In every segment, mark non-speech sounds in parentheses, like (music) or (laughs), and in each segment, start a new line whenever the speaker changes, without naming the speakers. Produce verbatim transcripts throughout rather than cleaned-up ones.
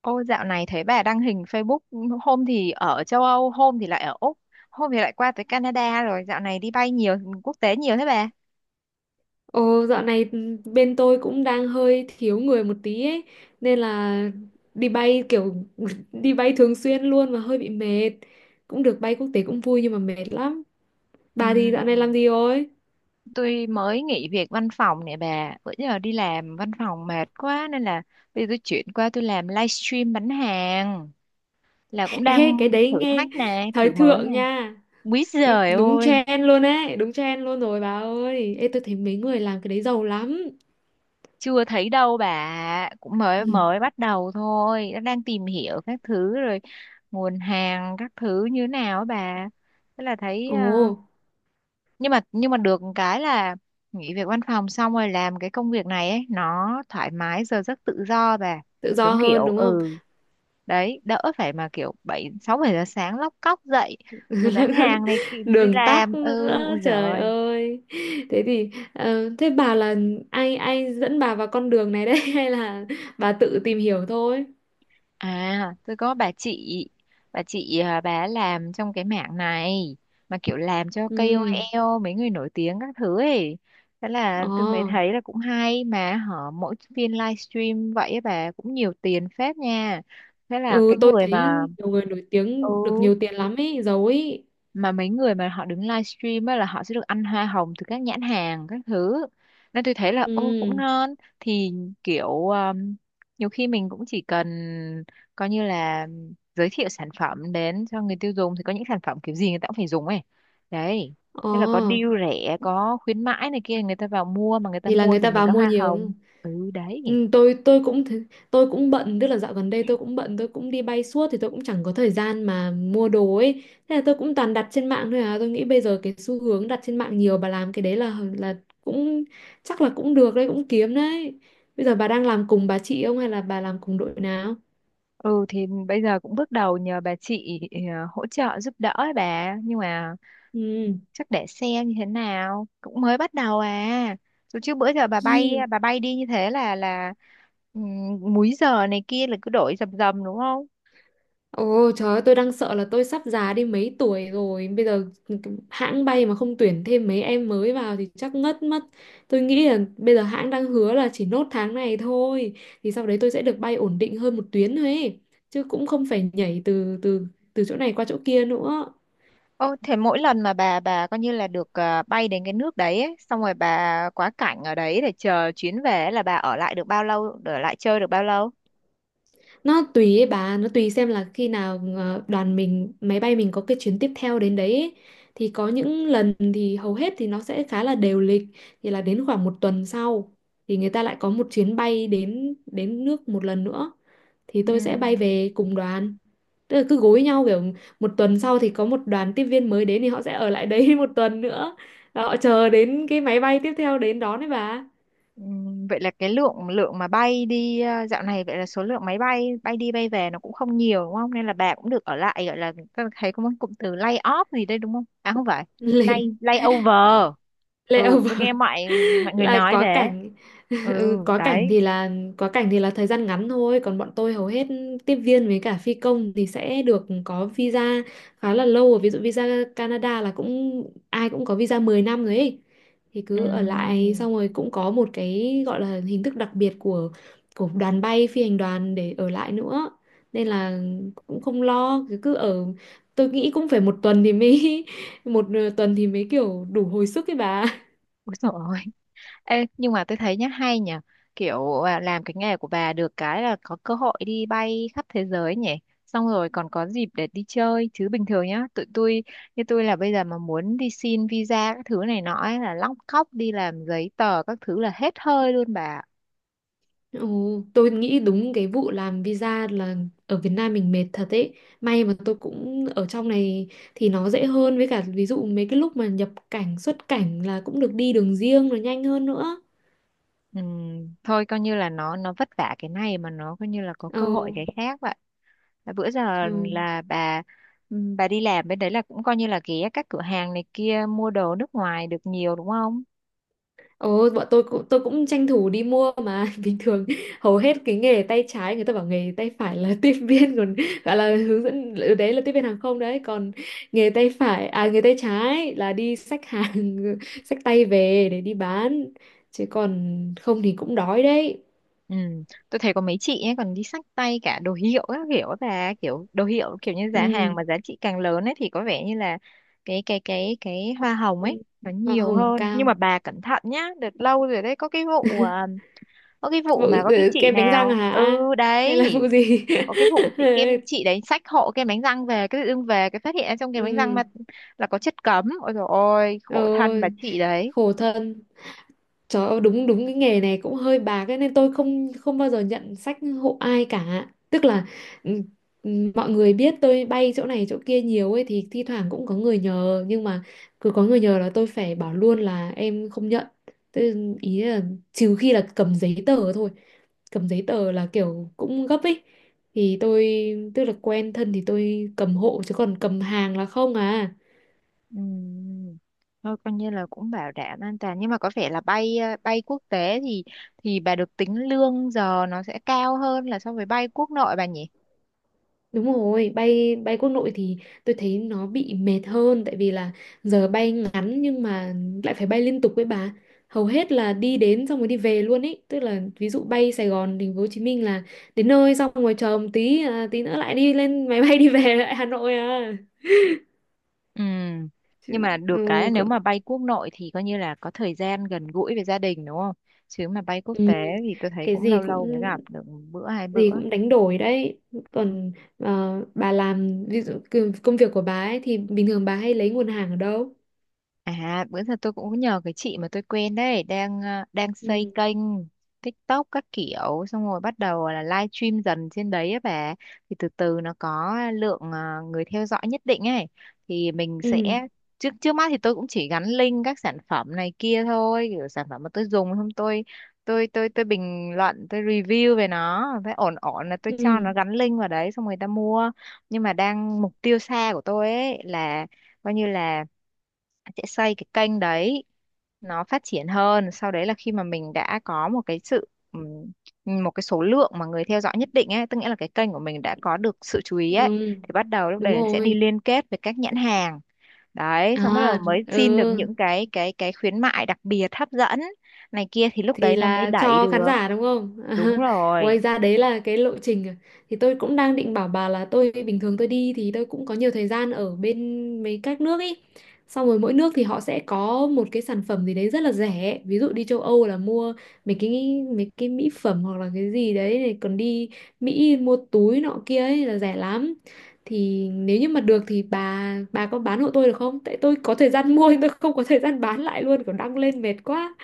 Ô, dạo này thấy bà đăng hình Facebook, hôm thì ở châu Âu, hôm thì lại ở Úc, hôm thì lại qua tới Canada. Rồi dạo này đi bay nhiều quốc tế nhiều thế bà.
Ồ, dạo này bên tôi cũng đang hơi thiếu người một tí ấy, nên là đi bay kiểu (laughs) đi bay thường xuyên luôn mà hơi bị mệt. Cũng được bay quốc tế cũng vui nhưng mà mệt lắm. Bà thì dạo này
Ừm,
làm gì rồi?
Tôi mới nghỉ việc văn phòng nè bà, bữa giờ đi làm văn phòng mệt quá nên là bây giờ tôi chuyển qua tôi làm livestream bán hàng, là cũng
(laughs) Ê,
đang
cái đấy
thử
nghe
thách này,
thời
thử mới
thượng
này.
nha.
Quý
Cái
giời
đúng
ơi,
trend luôn ấy, đúng trend luôn rồi bà ơi. Ê, tôi thấy mấy người làm cái đấy giàu lắm.
chưa thấy đâu bà, cũng mới
Ừ.
mới bắt đầu thôi. Nó đang tìm hiểu các thứ, rồi nguồn hàng các thứ như nào á bà, thế là thấy
Ồ,
ờ, nhưng mà nhưng mà được cái là nghỉ việc văn phòng xong rồi làm cái công việc này ấy, nó thoải mái giờ giấc tự do bà,
tự do
đúng
hơn
kiểu,
đúng không?
ừ, đấy, đỡ phải mà kiểu bảy sáu bảy giờ sáng lóc cóc dậy rồi bán
(laughs)
hàng này, kì- đi
Đường tắc
làm, ừ,
nữa,
ui
trời
giời.
ơi. Thế thì ờ, thế bà là ai ai dẫn bà vào con đường này đấy, (laughs) hay là bà tự tìm hiểu thôi?
À, tôi có bà chị, bà chị à, bà ấy làm trong cái mảng này, mà kiểu làm cho ca O
Ừ.
ca âu eo, mấy người nổi tiếng các thứ ấy. Thế là
Ờ.
tôi mới thấy là cũng hay, mà họ mỗi phiên livestream vậy á bà cũng nhiều tiền phết nha. Thế là
Ừ,
cái
tôi
người
thấy
mà,
nhiều người nổi
ừ,
tiếng được nhiều tiền lắm ấy, giàu ấy.
mà mấy người mà họ đứng livestream á là họ sẽ được ăn hoa hồng từ các nhãn hàng các thứ, nên tôi thấy là ô cũng
Ừ.
ngon. Thì kiểu, um, nhiều khi mình cũng chỉ cần coi như là giới thiệu sản phẩm đến cho người tiêu dùng, thì có những sản phẩm kiểu gì người ta cũng phải dùng ấy đấy.
Ờ.
Thế là có deal rẻ, có khuyến mãi này kia, người ta vào mua, mà người ta
Thì là
mua
người
thì
ta
mình
vào
có
mua
hoa hồng,
nhiều.
ừ đấy.
Ừ, tôi tôi cũng thế- tôi cũng bận, tức là dạo gần đây tôi cũng bận, tôi cũng đi bay suốt thì tôi cũng chẳng có thời gian mà mua đồ ấy. Thế là tôi cũng toàn đặt trên mạng thôi. À, tôi nghĩ bây giờ cái xu hướng đặt trên mạng nhiều, bà làm cái đấy là là cũng, chắc là cũng được đấy, cũng kiếm đấy. Bây giờ bà đang làm cùng bà chị không hay là bà làm cùng đội nào?
Ừ, thì bây giờ cũng bước đầu nhờ bà chị, ờ, hỗ trợ giúp đỡ ấy bà, nhưng mà
Ừ.
chắc để xem như thế nào, cũng mới bắt đầu à. Rồi, chứ bữa giờ bà bay,
Hi.
bà bay đi như thế là là ừm, múi giờ này kia là cứ đổi dầm dầm đúng không?
Ồ trời ơi, tôi đang sợ là tôi sắp già đi mấy tuổi rồi. Bây giờ hãng bay mà không tuyển thêm mấy em mới vào thì chắc ngất mất. Tôi nghĩ là bây giờ hãng đang hứa là chỉ nốt tháng này thôi. Thì sau đấy tôi sẽ được bay ổn định hơn một tuyến thôi ấy. Chứ cũng không phải nhảy từ từ từ chỗ này qua chỗ kia nữa.
Ô thế mỗi lần mà bà bà coi như là được, à, bay đến cái nước đấy ấy, xong rồi bà quá cảnh ở đấy để chờ chuyến về ấy, là bà ở lại được bao lâu, ở lại chơi được bao lâu?
Nó tùy ấy bà, nó tùy xem là khi nào ờ, đoàn mình, máy bay mình có cái chuyến tiếp theo đến đấy ấy. Thì có những lần thì hầu hết thì nó sẽ khá là đều lịch, thì là đến khoảng một tuần sau thì người ta lại có một chuyến bay đến đến nước một lần nữa, thì
Ừ.
tôi sẽ bay về cùng đoàn. Tức là cứ gối nhau kiểu một tuần sau thì có một đoàn tiếp viên mới đến thì họ sẽ ở lại đấy (laughs) một tuần nữa. Và họ chờ đến cái máy bay tiếp theo đến đón đấy bà.
Ừm, Vậy là cái lượng lượng mà bay đi, ờ, dạo này vậy là số lượng máy bay bay đi bay về nó cũng không nhiều đúng không? Nên là bà cũng được ở lại, gọi là, tôi thấy có một cụm từ lay off gì đây đúng không? À không phải,
(laughs)
lay
Lệ-
lay over. Ừ, tôi
Layover
nghe mọi mọi
(laughs)
người
là
nói
quá
thế.
cảnh.
Ừ,
(laughs) Ừ, quá
đấy.
cảnh thì là quá cảnh thì là thời gian ngắn thôi. Còn bọn tôi hầu hết tiếp viên với cả phi công thì sẽ được có visa khá là lâu rồi. Ví dụ visa Canada là cũng ai cũng có visa mười năm rồi ấy, thì cứ ở lại,
Ừm.
xong rồi cũng có một cái gọi là hình thức đặc biệt của của đoàn bay, phi hành đoàn để ở lại nữa. Nên là cũng không lo, cứ cứ ở. Tôi nghĩ cũng phải một tuần thì mới (laughs) một ờ, tuần thì mới kiểu đủ hồi sức ấy bà.
Úi dồi ôi, ê, nhưng mà tôi thấy nhá, hay nhỉ, kiểu à, làm cái nghề của bà được cái là có cơ hội đi bay khắp thế giới nhỉ, xong rồi còn có dịp để đi chơi. Chứ bình thường nhá, tụi tôi, như tôi là bây giờ mà muốn đi xin visa các thứ này nọ ấy, là lóc cóc đi làm giấy tờ các thứ là hết hơi luôn bà ạ.
Ồ, tôi nghĩ đúng cái vụ làm visa là ở Việt Nam mình mệt thật ấy. May mà tôi cũng ở trong này thì nó dễ hơn, với cả ví dụ mấy cái lúc mà nhập cảnh xuất cảnh là cũng được đi đường riêng, là nhanh hơn nữa.
Ừm, thôi coi như là nó nó vất vả cái này, mà nó coi như là có
Ồ,
cơ hội cái khác vậy, là bữa giờ
trời.
là bà, ừm, bà đi làm bên đấy là cũng coi như là ghé các cửa hàng này kia mua đồ nước ngoài được nhiều đúng không?
Ồ, bọn tôi cũng tôi cũng tranh thủ đi mua mà. (laughs) Bình thường hầu hết cái nghề tay trái người ta bảo, nghề tay phải là (laughs) tiếp viên, còn gọi là hướng dẫn, ừ, đấy là tiếp viên hàng không đấy. Còn nghề tay phải à nghề tay trái là đi xách hàng, (laughs) xách tay về để đi bán, chứ còn không thì cũng đói đấy.
Ừ. Tôi thấy có mấy chị ấy còn đi xách tay cả đồ hiệu các kiểu, và kiểu đồ hiệu kiểu như giá hàng
Ừ.
mà giá trị càng lớn ấy thì có vẻ như là cái cái cái cái hoa hồng ấy
Ừ.
nó
Hoa
nhiều
hồng
hơn, nhưng mà
cao.
bà cẩn thận nhá, đợt lâu rồi đấy có cái vụ à, có cái vụ
Vụ,
mà có cái
ừ,
chị
kem đánh răng à
nào, ừ
hả, hay là
đấy,
vụ gì?
có cái vụ chị kem, chị
(laughs)
đấy xách hộ kem đánh răng về, cái tự dưng về cái phát hiện ra trong kem đánh răng
Ừ.
mà là có chất cấm, ôi dồi ôi khổ thân bà
Ôi
chị đấy.
khổ thân. Trời ơi, đúng, đúng cái nghề này cũng hơi bạc cái nên tôi không không bao giờ nhận sách hộ ai cả. Tức là, ừ, ừ, mọi người biết tôi bay chỗ này chỗ kia nhiều ấy thì thi thoảng cũng có người nhờ, nhưng mà cứ có người nhờ là tôi phải bảo luôn là em không nhận. Tôi ý là trừ khi là cầm giấy tờ thôi. Cầm giấy tờ là kiểu cũng gấp ấy. Thì tôi, tức là quen thân thì tôi cầm hộ, chứ còn cầm hàng là không à.
Ừm, Thôi coi như là cũng bảo đảm an toàn, nhưng mà có vẻ là bay, ờ, bay quốc tế thì thì bà được tính lương giờ nó sẽ cao hơn là so với bay quốc nội bà nhỉ?
Đúng rồi, bay, bay quốc nội thì tôi thấy nó bị mệt hơn, tại vì là giờ bay ngắn nhưng mà lại phải bay liên tục với bà. Hầu hết là đi đến xong rồi đi về luôn ấy, tức là ví dụ bay Sài Gòn, thành phố Hồ Chí Minh là đến nơi xong rồi chờ một tí à, tí nữa lại đi lên (laughs) máy bay đi về lại Hà Nội à.
Ừm. Nhưng
Chứ,
mà được cái là
ừ,
nếu
cỡ-
mà bay quốc nội thì coi như là có thời gian gần gũi với gia đình đúng không? Chứ mà bay quốc
ừ,
tế thì tôi thấy
cái
cũng lâu
gì
lâu mới
cũng
gặp được bữa hai
gì
bữa.
cũng đánh đổi đấy. Còn ờ, bà làm ví dụ công công việc của bà ấy thì bình thường bà hay lấy nguồn hàng ở đâu?
À, bữa giờ tôi cũng nhờ cái chị mà tôi quen đấy, đang, ờ, đang xây
Ừ.
kênh TikTok các kiểu, xong rồi bắt đầu là live stream dần trên đấy á bà. Thì từ từ nó có lượng, ờ, người theo dõi nhất định ấy, thì mình sẽ,
Ừ.
trước trước mắt thì tôi cũng chỉ gắn link các sản phẩm này kia thôi, kiểu sản phẩm mà tôi dùng, không tôi, tôi tôi tôi bình luận, tôi review về nó, thấy ổn ổn là tôi cho
Ừ.
nó gắn link vào đấy xong người ta mua. Nhưng mà đang mục tiêu xa của tôi ấy là coi như là sẽ xây cái kênh đấy nó phát triển hơn, sau đấy là khi mà mình đã có một cái sự, ừm, một cái số lượng mà người theo dõi nhất định ấy, tức nghĩa là cái kênh của mình đã có được sự chú ý ấy,
Ừ,
thì bắt đầu lúc
đúng
đấy sẽ đi
rồi.
liên kết với các nhãn hàng đấy, xong bắt đầu
À,
mới
ừ,
xin được những cái cái cái khuyến mại đặc biệt hấp dẫn này kia, thì lúc
thì
đấy nó mới
là
đẩy
cho khán
được.
giả đúng không?
Đúng
(laughs)
rồi.
Ngoài ra đấy là cái lộ trình à. Thì tôi cũng đang định bảo bà là tôi bình thường tôi đi thì tôi cũng có nhiều thời gian ở bên mấy các nước ấy. Xong rồi mỗi nước thì họ sẽ có một cái sản phẩm gì đấy rất là rẻ. Ví dụ đi châu Âu là mua mấy cái mấy cái mỹ phẩm hoặc là cái gì đấy này, còn đi Mỹ mua túi nọ kia ấy là rẻ lắm. Thì nếu như mà được thì bà bà có bán hộ tôi được không? Tại tôi có thời gian mua nhưng tôi không có thời gian bán lại luôn, kiểu đăng lên mệt quá.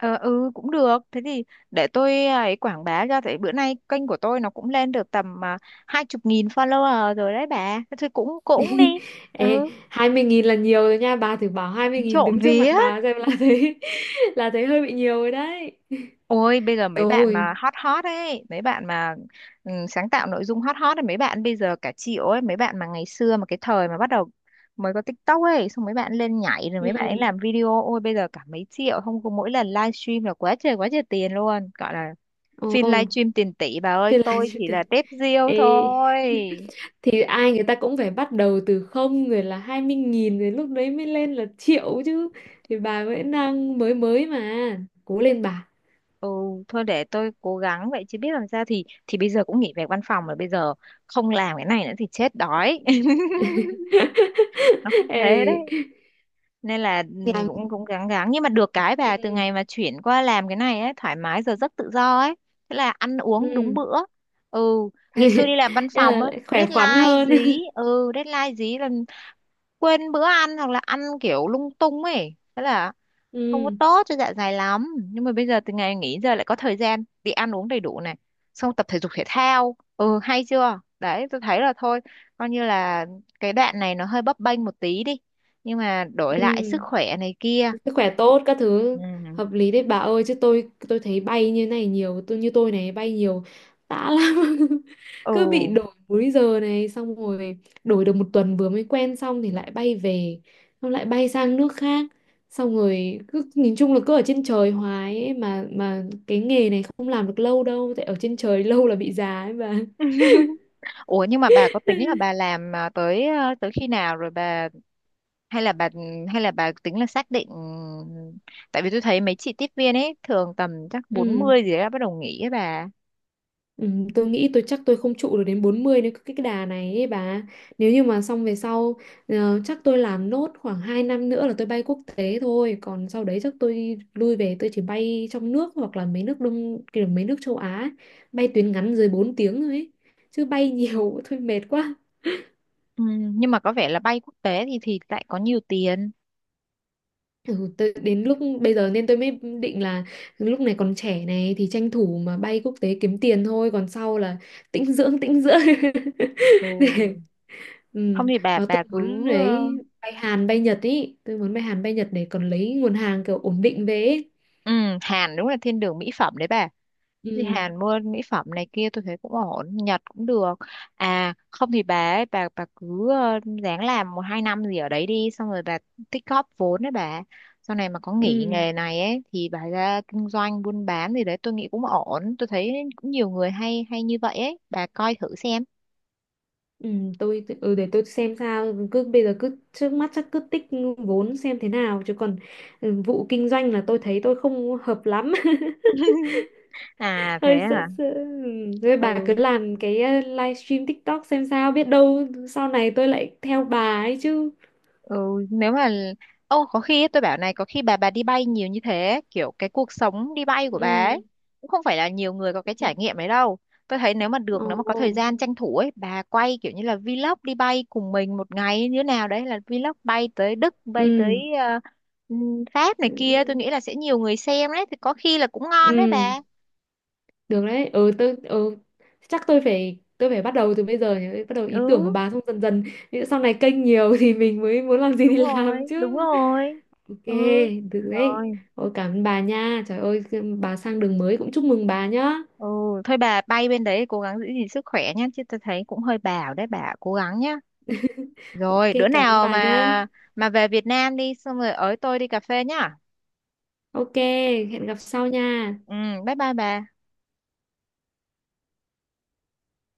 Ờ, ừ cũng được, thế thì để tôi à, ấy quảng bá ra, tại bữa nay kênh của tôi nó cũng lên được tầm à, hai chục nghìn follower rồi đấy bà, thế thôi cũng cũng đi.
(laughs) Ê,
Ừ,
hai mươi nghìn là nhiều rồi nha bà, thử bảo hai mươi nghìn
trộm
đứng trước mặt
vía,
bà xem là thấy (laughs) là thấy hơi bị nhiều rồi đấy.
ôi bây giờ mấy bạn
Ôi.
mà hot hot ấy, mấy bạn mà, ừ, sáng tạo nội dung hot hot ấy, mấy bạn bây giờ cả triệu ấy. Mấy bạn mà ngày xưa mà cái thời mà bắt đầu mới có TikTok ấy, xong mấy bạn lên nhảy rồi mấy bạn ấy
Ừ.
làm video, ôi bây giờ cả mấy triệu không có, mỗi lần livestream là quá trời quá trời tiền luôn, gọi là
Ồ.
phim livestream tiền tỷ bà ơi,
Thế là
tôi
(laughs) chịu
chỉ là
tiền.
tép riêu
Ê,
thôi.
thì ai người ta cũng phải bắt đầu từ không rồi là hai mươi nghìn rồi lúc đấy mới lên là triệu chứ. Thì bà vẫn đang mới mới mà, cố lên bà.
Ừ, thôi để tôi cố gắng vậy, chứ biết làm sao, thì thì bây giờ cũng nghỉ việc văn phòng rồi, bây giờ không làm cái này nữa thì chết đói. (laughs)
(laughs)
Nó cũng thế
Ê,
đấy. Nên là, ừ,
làm.
cũng cũng gắng gắng, nhưng mà được cái
Ừ.
bà, từ ngày mà chuyển qua làm cái này ấy, thoải mái giờ giấc tự do ấy. Thế là ăn uống đúng
Ừ.
bữa. Ừ,
(laughs)
ngày
Thế
xưa đi làm văn phòng
là
ấy,
lại khỏe khoắn
deadline
hơn.
dí, ừ, deadline dí là quên bữa ăn hoặc là ăn kiểu lung tung ấy. Thế là
(laughs)
không có
Ừ.
tốt cho dạ dày lắm, nhưng mà bây giờ từ ngày nghỉ giờ lại có thời gian đi ăn uống đầy đủ này, xong tập thể dục thể thao, ừ hay chưa đấy. Tôi thấy là thôi coi như là cái đoạn này nó hơi bấp bênh một tí đi, nhưng mà đổi
Ừ,
lại sức khỏe này kia.
sức khỏe tốt các thứ,
Ừ.
hợp lý đấy bà ơi. Chứ tôi tôi thấy bay như này nhiều, tôi như tôi này bay nhiều tã lắm. (laughs)
Ừ.
Cứ bị đổi múi giờ này xong rồi đổi được một tuần vừa mới quen xong thì lại bay về, xong lại bay sang nước khác, xong rồi cứ nhìn chung là cứ ở trên trời hoài ấy, mà mà cái nghề này không làm được lâu đâu, tại ở trên trời (laughs) lâu là bị già ấy bà.
(laughs) Ủa nhưng mà bà có tính là bà làm, à, tới, à, tới khi nào rồi bà, hay là bà, hay là bà tính là xác định, tại vì tôi thấy mấy chị tiếp viên ấy thường tầm chắc bốn
Ừ.
mươi gì đó bắt đầu nghỉ ấy bà.
Ừ, tôi nghĩ tôi chắc tôi không trụ được đến bốn mươi nếu cái cái đà này ấy bà. Nếu như mà xong về sau, ờ, chắc tôi làm nốt khoảng hai năm nữa là tôi bay quốc tế thôi, còn sau đấy chắc tôi lui về tôi chỉ bay trong nước hoặc là mấy nước đông kiểu mấy nước châu Á ấy. Bay tuyến ngắn dưới bốn tiếng thôi ấy. Chứ bay nhiều (laughs) thôi mệt quá.
Ừ, nhưng mà có vẻ là bay quốc tế thì thì lại có nhiều tiền.
Ừ, tôi, đến lúc bây giờ nên tôi mới định là lúc này còn trẻ này thì tranh thủ mà bay quốc tế kiếm tiền thôi, còn sau là tĩnh dưỡng tĩnh dưỡng (laughs)
Ừ.
để. Ừ.
Không thì bà
Ờ,
bà
tôi
cứ,
muốn
ờ,
đấy, bay Hàn bay Nhật, ý tôi muốn bay Hàn bay Nhật để còn lấy nguồn hàng kiểu ổn định về ý.
ừ, Hàn đúng là thiên đường mỹ phẩm đấy bà. Thì
Ừ.
Hàn mua mỹ phẩm này kia tôi thấy cũng ổn, Nhật cũng được. À không thì bà ấy, bà bà cứ, ờ, ráng làm một hai năm gì ở đấy đi, xong rồi bà tích góp vốn đấy bà. Sau này mà có nghỉ
Ừ.
nghề này ấy thì bà ra kinh doanh buôn bán gì đấy tôi nghĩ cũng ổn. Tôi thấy cũng nhiều người hay hay như vậy ấy, bà coi thử xem.
Ừ, tôi, ừ, để tôi xem sao, cứ bây giờ cứ trước mắt chắc cứ tích vốn xem thế nào, chứ còn ừ, vụ kinh doanh là tôi thấy tôi không hợp lắm. (laughs)
(laughs) À thế
Hơi sợ
à.
sợ, ừ. Thôi bà cứ
Ừ.
làm cái ờ, livestream TikTok xem sao, biết đâu sau này tôi lại theo bà ấy chứ.
Ừ, nếu mà, ô có khi ấy, tôi bảo này, có khi bà bà đi bay nhiều như thế, kiểu cái cuộc sống đi bay của bà
Ừ.
ấy cũng không phải là nhiều người có cái trải nghiệm ấy đâu. Tôi thấy nếu mà được,
Ồ.
nếu mà có thời gian tranh thủ ấy, bà quay kiểu như là vlog đi bay cùng mình một ngày như thế nào đấy, là vlog bay tới Đức, bay tới,
Ừ.
ờ, ừm, Pháp này
Ừ.
kia, tôi nghĩ là sẽ nhiều người xem đấy, thì có khi là cũng ngon đấy
Ừ.
bà.
Được đấy, ừ, tôi, ừ, chắc tôi phải tôi phải bắt đầu từ bây giờ nhỉ, bắt đầu
Ừ,
ý tưởng của bà xong dần dần. Ví sau này kênh nhiều (laughs) thì mình mới muốn làm gì thì
đúng rồi,
làm chứ.
đúng rồi. Ừ.
ô kê. Được đấy.
Rồi.
Ôi cảm ơn bà nha, trời ơi, bà sang đường mới cũng chúc mừng bà nhá.
Ừ, thôi bà bay bên đấy cố gắng giữ gìn sức khỏe nhé, chứ tôi thấy cũng hơi bảo đấy, bà cố gắng nhé.
OK
Rồi bữa
cảm ơn
nào
bà nhá.
mà mà về Việt Nam đi xong rồi ới tôi đi cà phê nhá.
ô kê, hẹn gặp sau nha.
Ừ, bye bye bà.